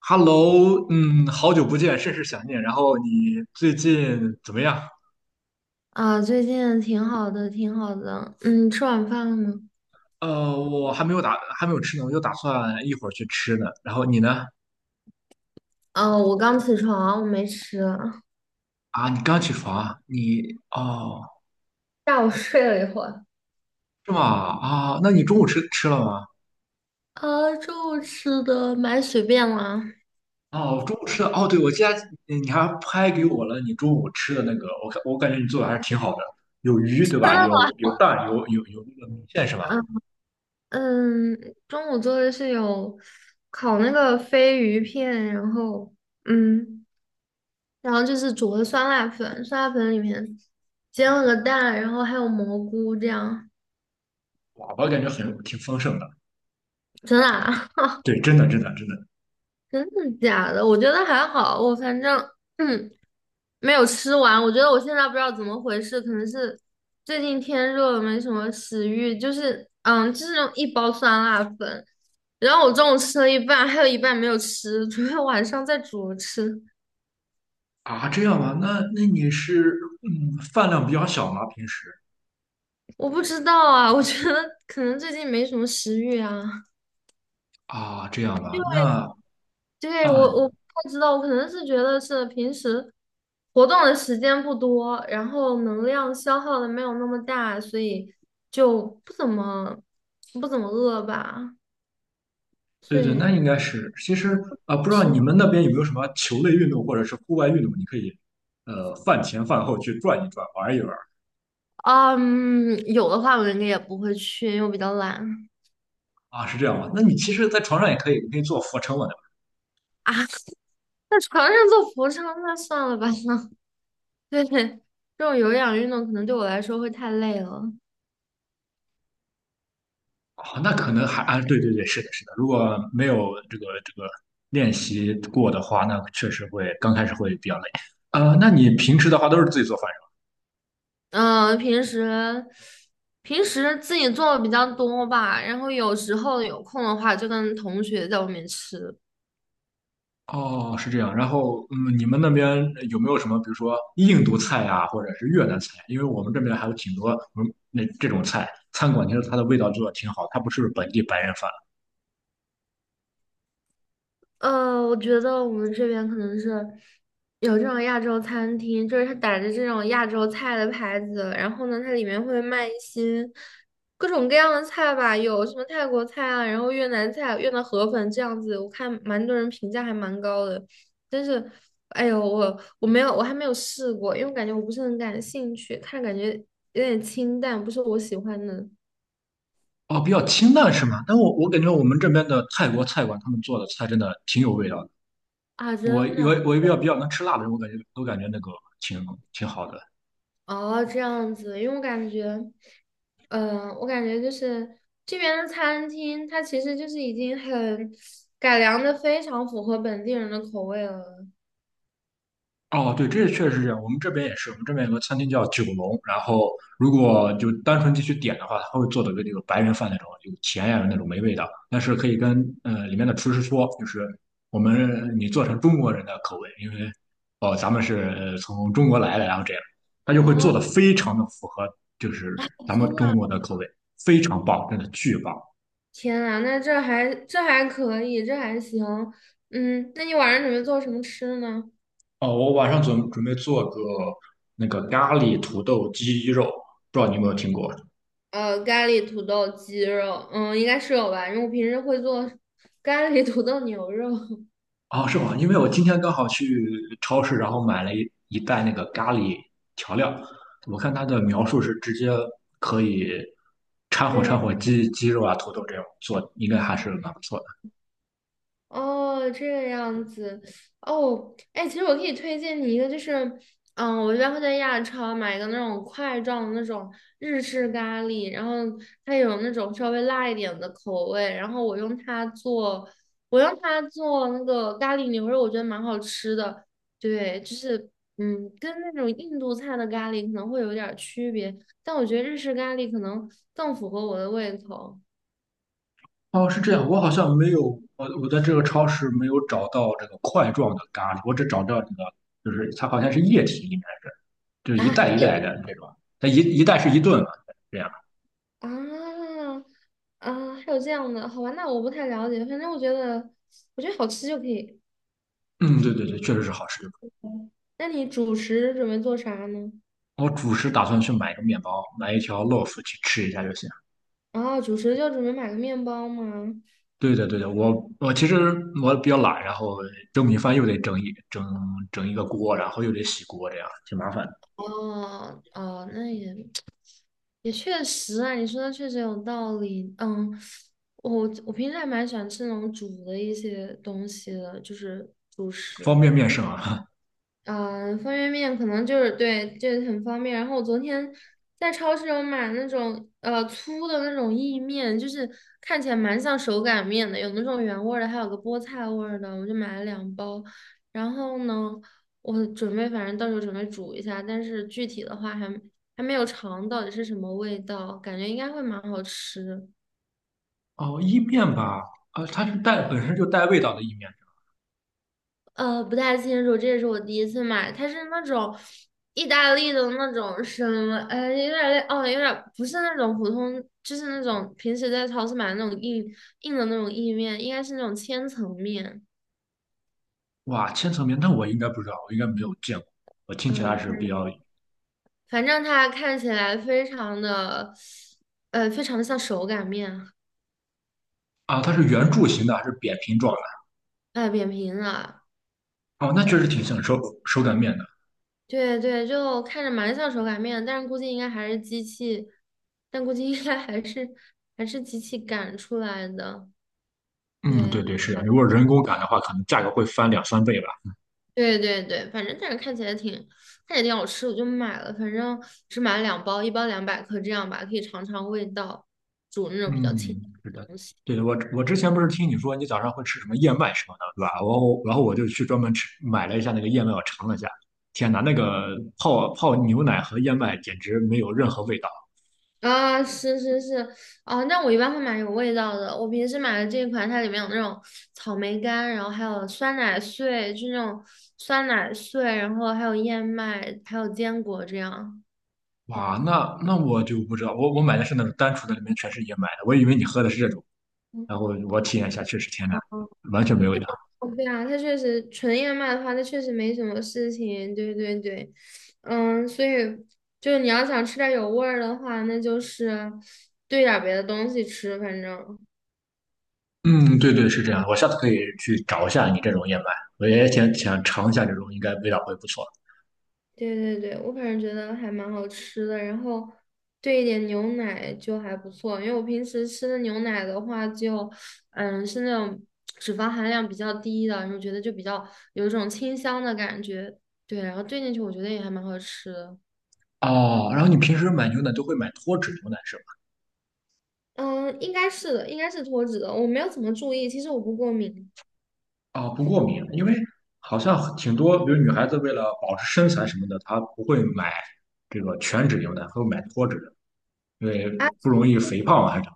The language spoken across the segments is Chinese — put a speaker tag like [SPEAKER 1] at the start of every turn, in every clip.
[SPEAKER 1] Hello，好久不见，甚是想念。然后你最近怎么样？
[SPEAKER 2] 啊，最近挺好的，挺好的。嗯，吃晚饭了吗？
[SPEAKER 1] 我还没有吃呢，我就打算一会儿去吃呢。然后你呢？
[SPEAKER 2] 哦，我刚起床，我没吃。
[SPEAKER 1] 啊，你刚起床啊你哦，
[SPEAKER 2] 下午睡了一会儿。
[SPEAKER 1] 是吗？啊，那你中午吃了吗？
[SPEAKER 2] 啊，中午吃的蛮随便啦。
[SPEAKER 1] 哦，中午吃的哦，对，我记得你还拍给我了你中午吃的那个，我看我感觉你做的还是挺好的，有鱼对吧？有有蛋，有那个米线是吧？
[SPEAKER 2] 嗯嗯，中午做的是有烤那个飞鱼片，然后嗯，然后就是煮的酸辣粉，酸辣粉里面煎了个蛋，然后还有蘑菇这样。
[SPEAKER 1] 哇，我感觉很挺丰盛的。
[SPEAKER 2] 真的啊？
[SPEAKER 1] 对，真的。
[SPEAKER 2] 真的假的？我觉得还好，我反正 嗯没有吃完，我觉得我现在不知道怎么回事，可能是最近天热了，没什么食欲。就是，嗯，就是那种一包酸辣粉，然后我中午吃了一半，还有一半没有吃，准备晚上再煮着吃。
[SPEAKER 1] 啊，这样吗？那那你是嗯，饭量比较小吗？平时
[SPEAKER 2] 我不知道啊，我觉得可能最近没什么食欲啊。
[SPEAKER 1] 啊，这样吧，那
[SPEAKER 2] 对，我
[SPEAKER 1] 啊，
[SPEAKER 2] 我不太知道，我可能是觉得是平时活动的时间不多，然后能量消耗的没有那么大，所以就不怎么不怎么饿吧。
[SPEAKER 1] 对对，那
[SPEAKER 2] 对，
[SPEAKER 1] 应该是。其实啊，不知道
[SPEAKER 2] 是，
[SPEAKER 1] 你们那边有没有什么球类运动或者是户外运动，你可以呃饭前饭后去转一转，玩一玩。
[SPEAKER 2] 嗯，有的话我应该也不会去，因为我比较懒
[SPEAKER 1] 啊，是这样吗？那你其实，在床上也可以，你可以做俯卧撑嘛，对
[SPEAKER 2] 啊。在床上做俯卧撑，那算了吧。对，这种有氧运动可能对我来说会太累了。
[SPEAKER 1] 吧啊，那可能还啊，对对对，是的，是的。如果没有这个练习过的话，那确实会刚开始会比较累。呃，那你平时的话都是自己做饭。
[SPEAKER 2] 嗯，平时自己做的比较多吧，然后有时候有空的话就跟同学在外面吃。
[SPEAKER 1] 哦，是这样。然后，嗯，你们那边有没有什么，比如说印度菜呀，或者是越南菜？因为我们这边还有挺多，嗯，那这种菜，餐馆其实它的味道做的挺好，它不是本地白人饭。
[SPEAKER 2] 呃，我觉得我们这边可能是有这种亚洲餐厅，就是它打着这种亚洲菜的牌子，然后呢，它里面会卖一些各种各样的菜吧，有什么泰国菜啊，然后越南菜、越南河粉这样子，我看蛮多人评价还蛮高的，但是，哎呦，我还没有试过，因为我感觉我不是很感兴趣，看着感觉有点清淡，不是我喜欢的
[SPEAKER 1] 哦，比较清淡是吗？但我感觉我们这边的泰国菜馆，他们做的菜真的挺有味道的。
[SPEAKER 2] 啊，
[SPEAKER 1] 我
[SPEAKER 2] 真
[SPEAKER 1] 我
[SPEAKER 2] 的。
[SPEAKER 1] 我比较能吃辣的人，我感觉都感觉那个挺好的。
[SPEAKER 2] 哦，这样子，因为我感觉，嗯、我感觉就是这边的餐厅，它其实就是已经很改良的非常符合本地人的口味了。
[SPEAKER 1] 哦，对，这确实是这样。我们这边也是，我们这边有个餐厅叫九龙，然后如
[SPEAKER 2] 嗯，
[SPEAKER 1] 果就单纯进去点的话，他会做的跟那个白人饭那种，有甜呀那种没味道，但是可以跟呃里面的厨师说，就是我们你做成中国人的口味，因为哦咱们是呃从中国来的，然后这样，他就会做
[SPEAKER 2] 哦，
[SPEAKER 1] 的非常的符合就是咱
[SPEAKER 2] 真
[SPEAKER 1] 们
[SPEAKER 2] 的啊
[SPEAKER 1] 中国的口味，非常棒，真的巨棒。
[SPEAKER 2] 天呐，那这还可以，这还行。嗯，那你晚上准备做什么吃呢？
[SPEAKER 1] 哦，我晚上准备做个那个咖喱土豆鸡肉，不知道你有没有听过？
[SPEAKER 2] 呃，咖喱土豆鸡肉，嗯，应该是有吧，因为我平时会做咖喱土豆牛肉。
[SPEAKER 1] 哦，是吗？因为我今天刚好去超市，然后买了一袋那个咖喱调料，我看它的描述是直接可以掺和掺
[SPEAKER 2] 对。
[SPEAKER 1] 和鸡肉啊、土豆这种做，应该还是蛮不错的。
[SPEAKER 2] 哦，这个样子哦，哎，其实我可以推荐你一个，就是，嗯，我一般会在亚超买一个那种块状的那种日式咖喱，然后它有那种稍微辣一点的口味，然后我用它做那个咖喱牛肉，我觉得蛮好吃的。对，就是，嗯，跟那种印度菜的咖喱可能会有点儿区别，但我觉得日式咖喱可能更符合我的胃口。
[SPEAKER 1] 哦，是这样，我好像没有，我在这个超市没有找到这个块状的咖喱，我只找到这个，就是它好像是液体，应该是就是一袋一 袋的这种，它一袋是一顿嘛，这样。
[SPEAKER 2] 啊啊，还有这样的，好吧，那我不太了解，反正我觉得，我觉得好吃就可以。
[SPEAKER 1] 嗯，对对对，确实是好吃。
[SPEAKER 2] 那你主食准备做啥呢？
[SPEAKER 1] 我主食打算去买一个面包，买一条 loaf 去吃一下就行。
[SPEAKER 2] 啊，主食就准备买个面包吗？
[SPEAKER 1] 对的，对的，我其实我比较懒，然后蒸米饭又得整一个锅，然后又得洗锅，这样挺麻烦的。
[SPEAKER 2] 哦哦，那也也确实啊，你说的确实有道理。嗯，我平时还蛮喜欢吃那种煮的一些东西的，就是主
[SPEAKER 1] 方
[SPEAKER 2] 食。
[SPEAKER 1] 便面是吗？
[SPEAKER 2] 嗯，方便面可能就是对，这很方便。然后我昨天在超市有买那种粗的那种意面，就是看起来蛮像手擀面的，有那种原味儿的，还有个菠菜味儿的，我就买了两包。然后呢，我准备反正到时候准备煮一下，但是具体的话还没有尝到底是什么味道，感觉应该会蛮好吃。
[SPEAKER 1] 哦，意面吧，啊，它是带本身就带味道的意面。
[SPEAKER 2] 呃，不太清楚，这也是我第一次买，它是那种意大利的那种什么，呃，有点类，哦，有点不是那种普通，就是那种平时在超市买的那种硬的那种意面，应该是那种千层面，
[SPEAKER 1] 哇，千层面，那我应该不知道，我应该没有见过。我听起
[SPEAKER 2] 嗯，
[SPEAKER 1] 来
[SPEAKER 2] 我
[SPEAKER 1] 是比
[SPEAKER 2] 看
[SPEAKER 1] 较
[SPEAKER 2] 反正它看起来非常的，呃，非常的像手擀面，
[SPEAKER 1] 啊，它是圆柱形的还是扁平状
[SPEAKER 2] 哎、扁平的，
[SPEAKER 1] 的？哦，那确实挺像手擀面的。
[SPEAKER 2] 对对，就看着蛮像手擀面，但是估计应该还是机器，但估计应该还是机器擀出来的，
[SPEAKER 1] 嗯，对
[SPEAKER 2] 对。
[SPEAKER 1] 对，是啊，如果人工擀的话，可能价格会翻两三倍吧。
[SPEAKER 2] 对对对，反正但是看起来挺好吃，我就买了，反正只买了两包，一包200克这样吧，可以尝尝味道，煮那种比较清淡
[SPEAKER 1] 嗯，是
[SPEAKER 2] 的
[SPEAKER 1] 的，
[SPEAKER 2] 东西。
[SPEAKER 1] 对，的，我之前不是听你说你早上会吃什么燕麦什么的，对吧？我后然后我就去专门吃买了一下那个燕麦，我尝了一下，天哪，那个泡泡牛奶和燕麦简直没有任何味道。
[SPEAKER 2] 啊，是是是，啊，那我一般会买有味道的。我平时买的这一款，它里面有那种草莓干，然后还有酸奶碎，就那种酸奶碎，然后还有燕麦，还有坚果这样。
[SPEAKER 1] 哇，那那我就不知道，我买的是那种单纯的，里面全是燕麦的，我以为你喝的是这种，然
[SPEAKER 2] 嗯
[SPEAKER 1] 后我体验一下，确实天哪，完全没有味道。
[SPEAKER 2] 哦对啊，它确实纯燕麦的话，它确实没什么事情。对对对，嗯，所以就是你要想吃点有味儿的话，那就是兑点儿别的东西吃，反正。
[SPEAKER 1] 嗯，对对，是这样的，我下次可以去找一下你这种燕麦，我也想尝一下这种，应该味道会不错。
[SPEAKER 2] 对对对，我反正觉得还蛮好吃的，然后兑一点牛奶就还不错，因为我平时吃的牛奶的话就，嗯，是那种脂肪含量比较低的，然后觉得就比较有一种清香的感觉，对，然后兑进去我觉得也还蛮好吃的。
[SPEAKER 1] 哦，然后你平时买牛奶都会买脱脂牛奶是吧？
[SPEAKER 2] 嗯，应该是的，应该是脱脂的，我没有怎么注意，其实我不过敏。
[SPEAKER 1] 啊，不过敏，因为好像挺多，比如女孩子为了保持身材什么的，她不会买这个全脂牛奶，她会买脱脂的，因为
[SPEAKER 2] 啊
[SPEAKER 1] 不容易肥胖啊，还是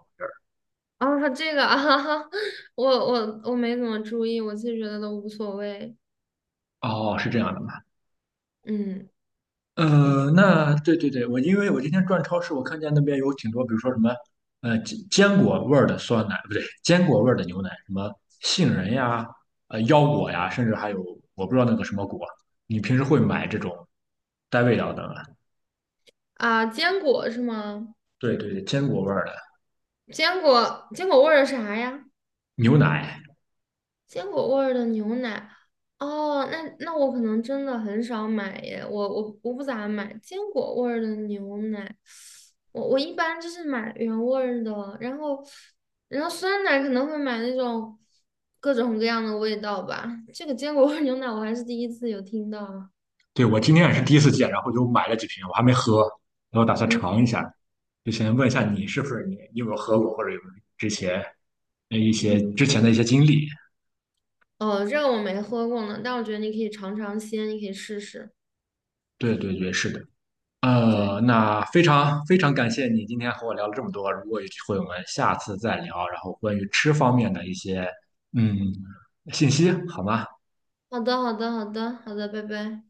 [SPEAKER 2] 啊，这个啊，我没怎么注意，我其实觉得都无所谓。
[SPEAKER 1] 哦，是这样的吗？
[SPEAKER 2] 嗯，对
[SPEAKER 1] 呃，那对对对，我因为我今天转超市，我看见那边有挺多，比如说什么呃坚果味儿的酸奶，不对，坚果味儿的牛奶，什么杏仁呀、呃腰果呀，甚至还有我不知道那个什么果，你平时会买这种带味道的吗？
[SPEAKER 2] 啊，坚果是吗？
[SPEAKER 1] 对对对，坚果味儿的
[SPEAKER 2] 坚果味儿啥呀？
[SPEAKER 1] 牛奶。
[SPEAKER 2] 坚果味儿的牛奶，哦，那那我可能真的很少买耶，我我不咋买坚果味儿的牛奶，我一般就是买原味儿的，然后酸奶可能会买那种各种各样的味道吧，这个坚果味儿牛奶我还是第一次有听到啊，
[SPEAKER 1] 对，我今天也是第一次见，然后就买了几瓶，我还没喝，然后打算
[SPEAKER 2] 嗯
[SPEAKER 1] 尝一下。就先问一下你是不是你，你有没有喝过，或者有没有之前呃一
[SPEAKER 2] 嗯，
[SPEAKER 1] 些之前的一些经历？
[SPEAKER 2] 哦，这个我没喝过呢，但我觉得你可以尝尝鲜，你可以试试，
[SPEAKER 1] 对对对，是的。
[SPEAKER 2] 对，
[SPEAKER 1] 呃，那非常非常感谢你今天和我聊了这么多。如果有机会，我们下次再聊，然后关于吃方面的一些嗯信息，好吗？
[SPEAKER 2] 好的好的好的好的，拜拜。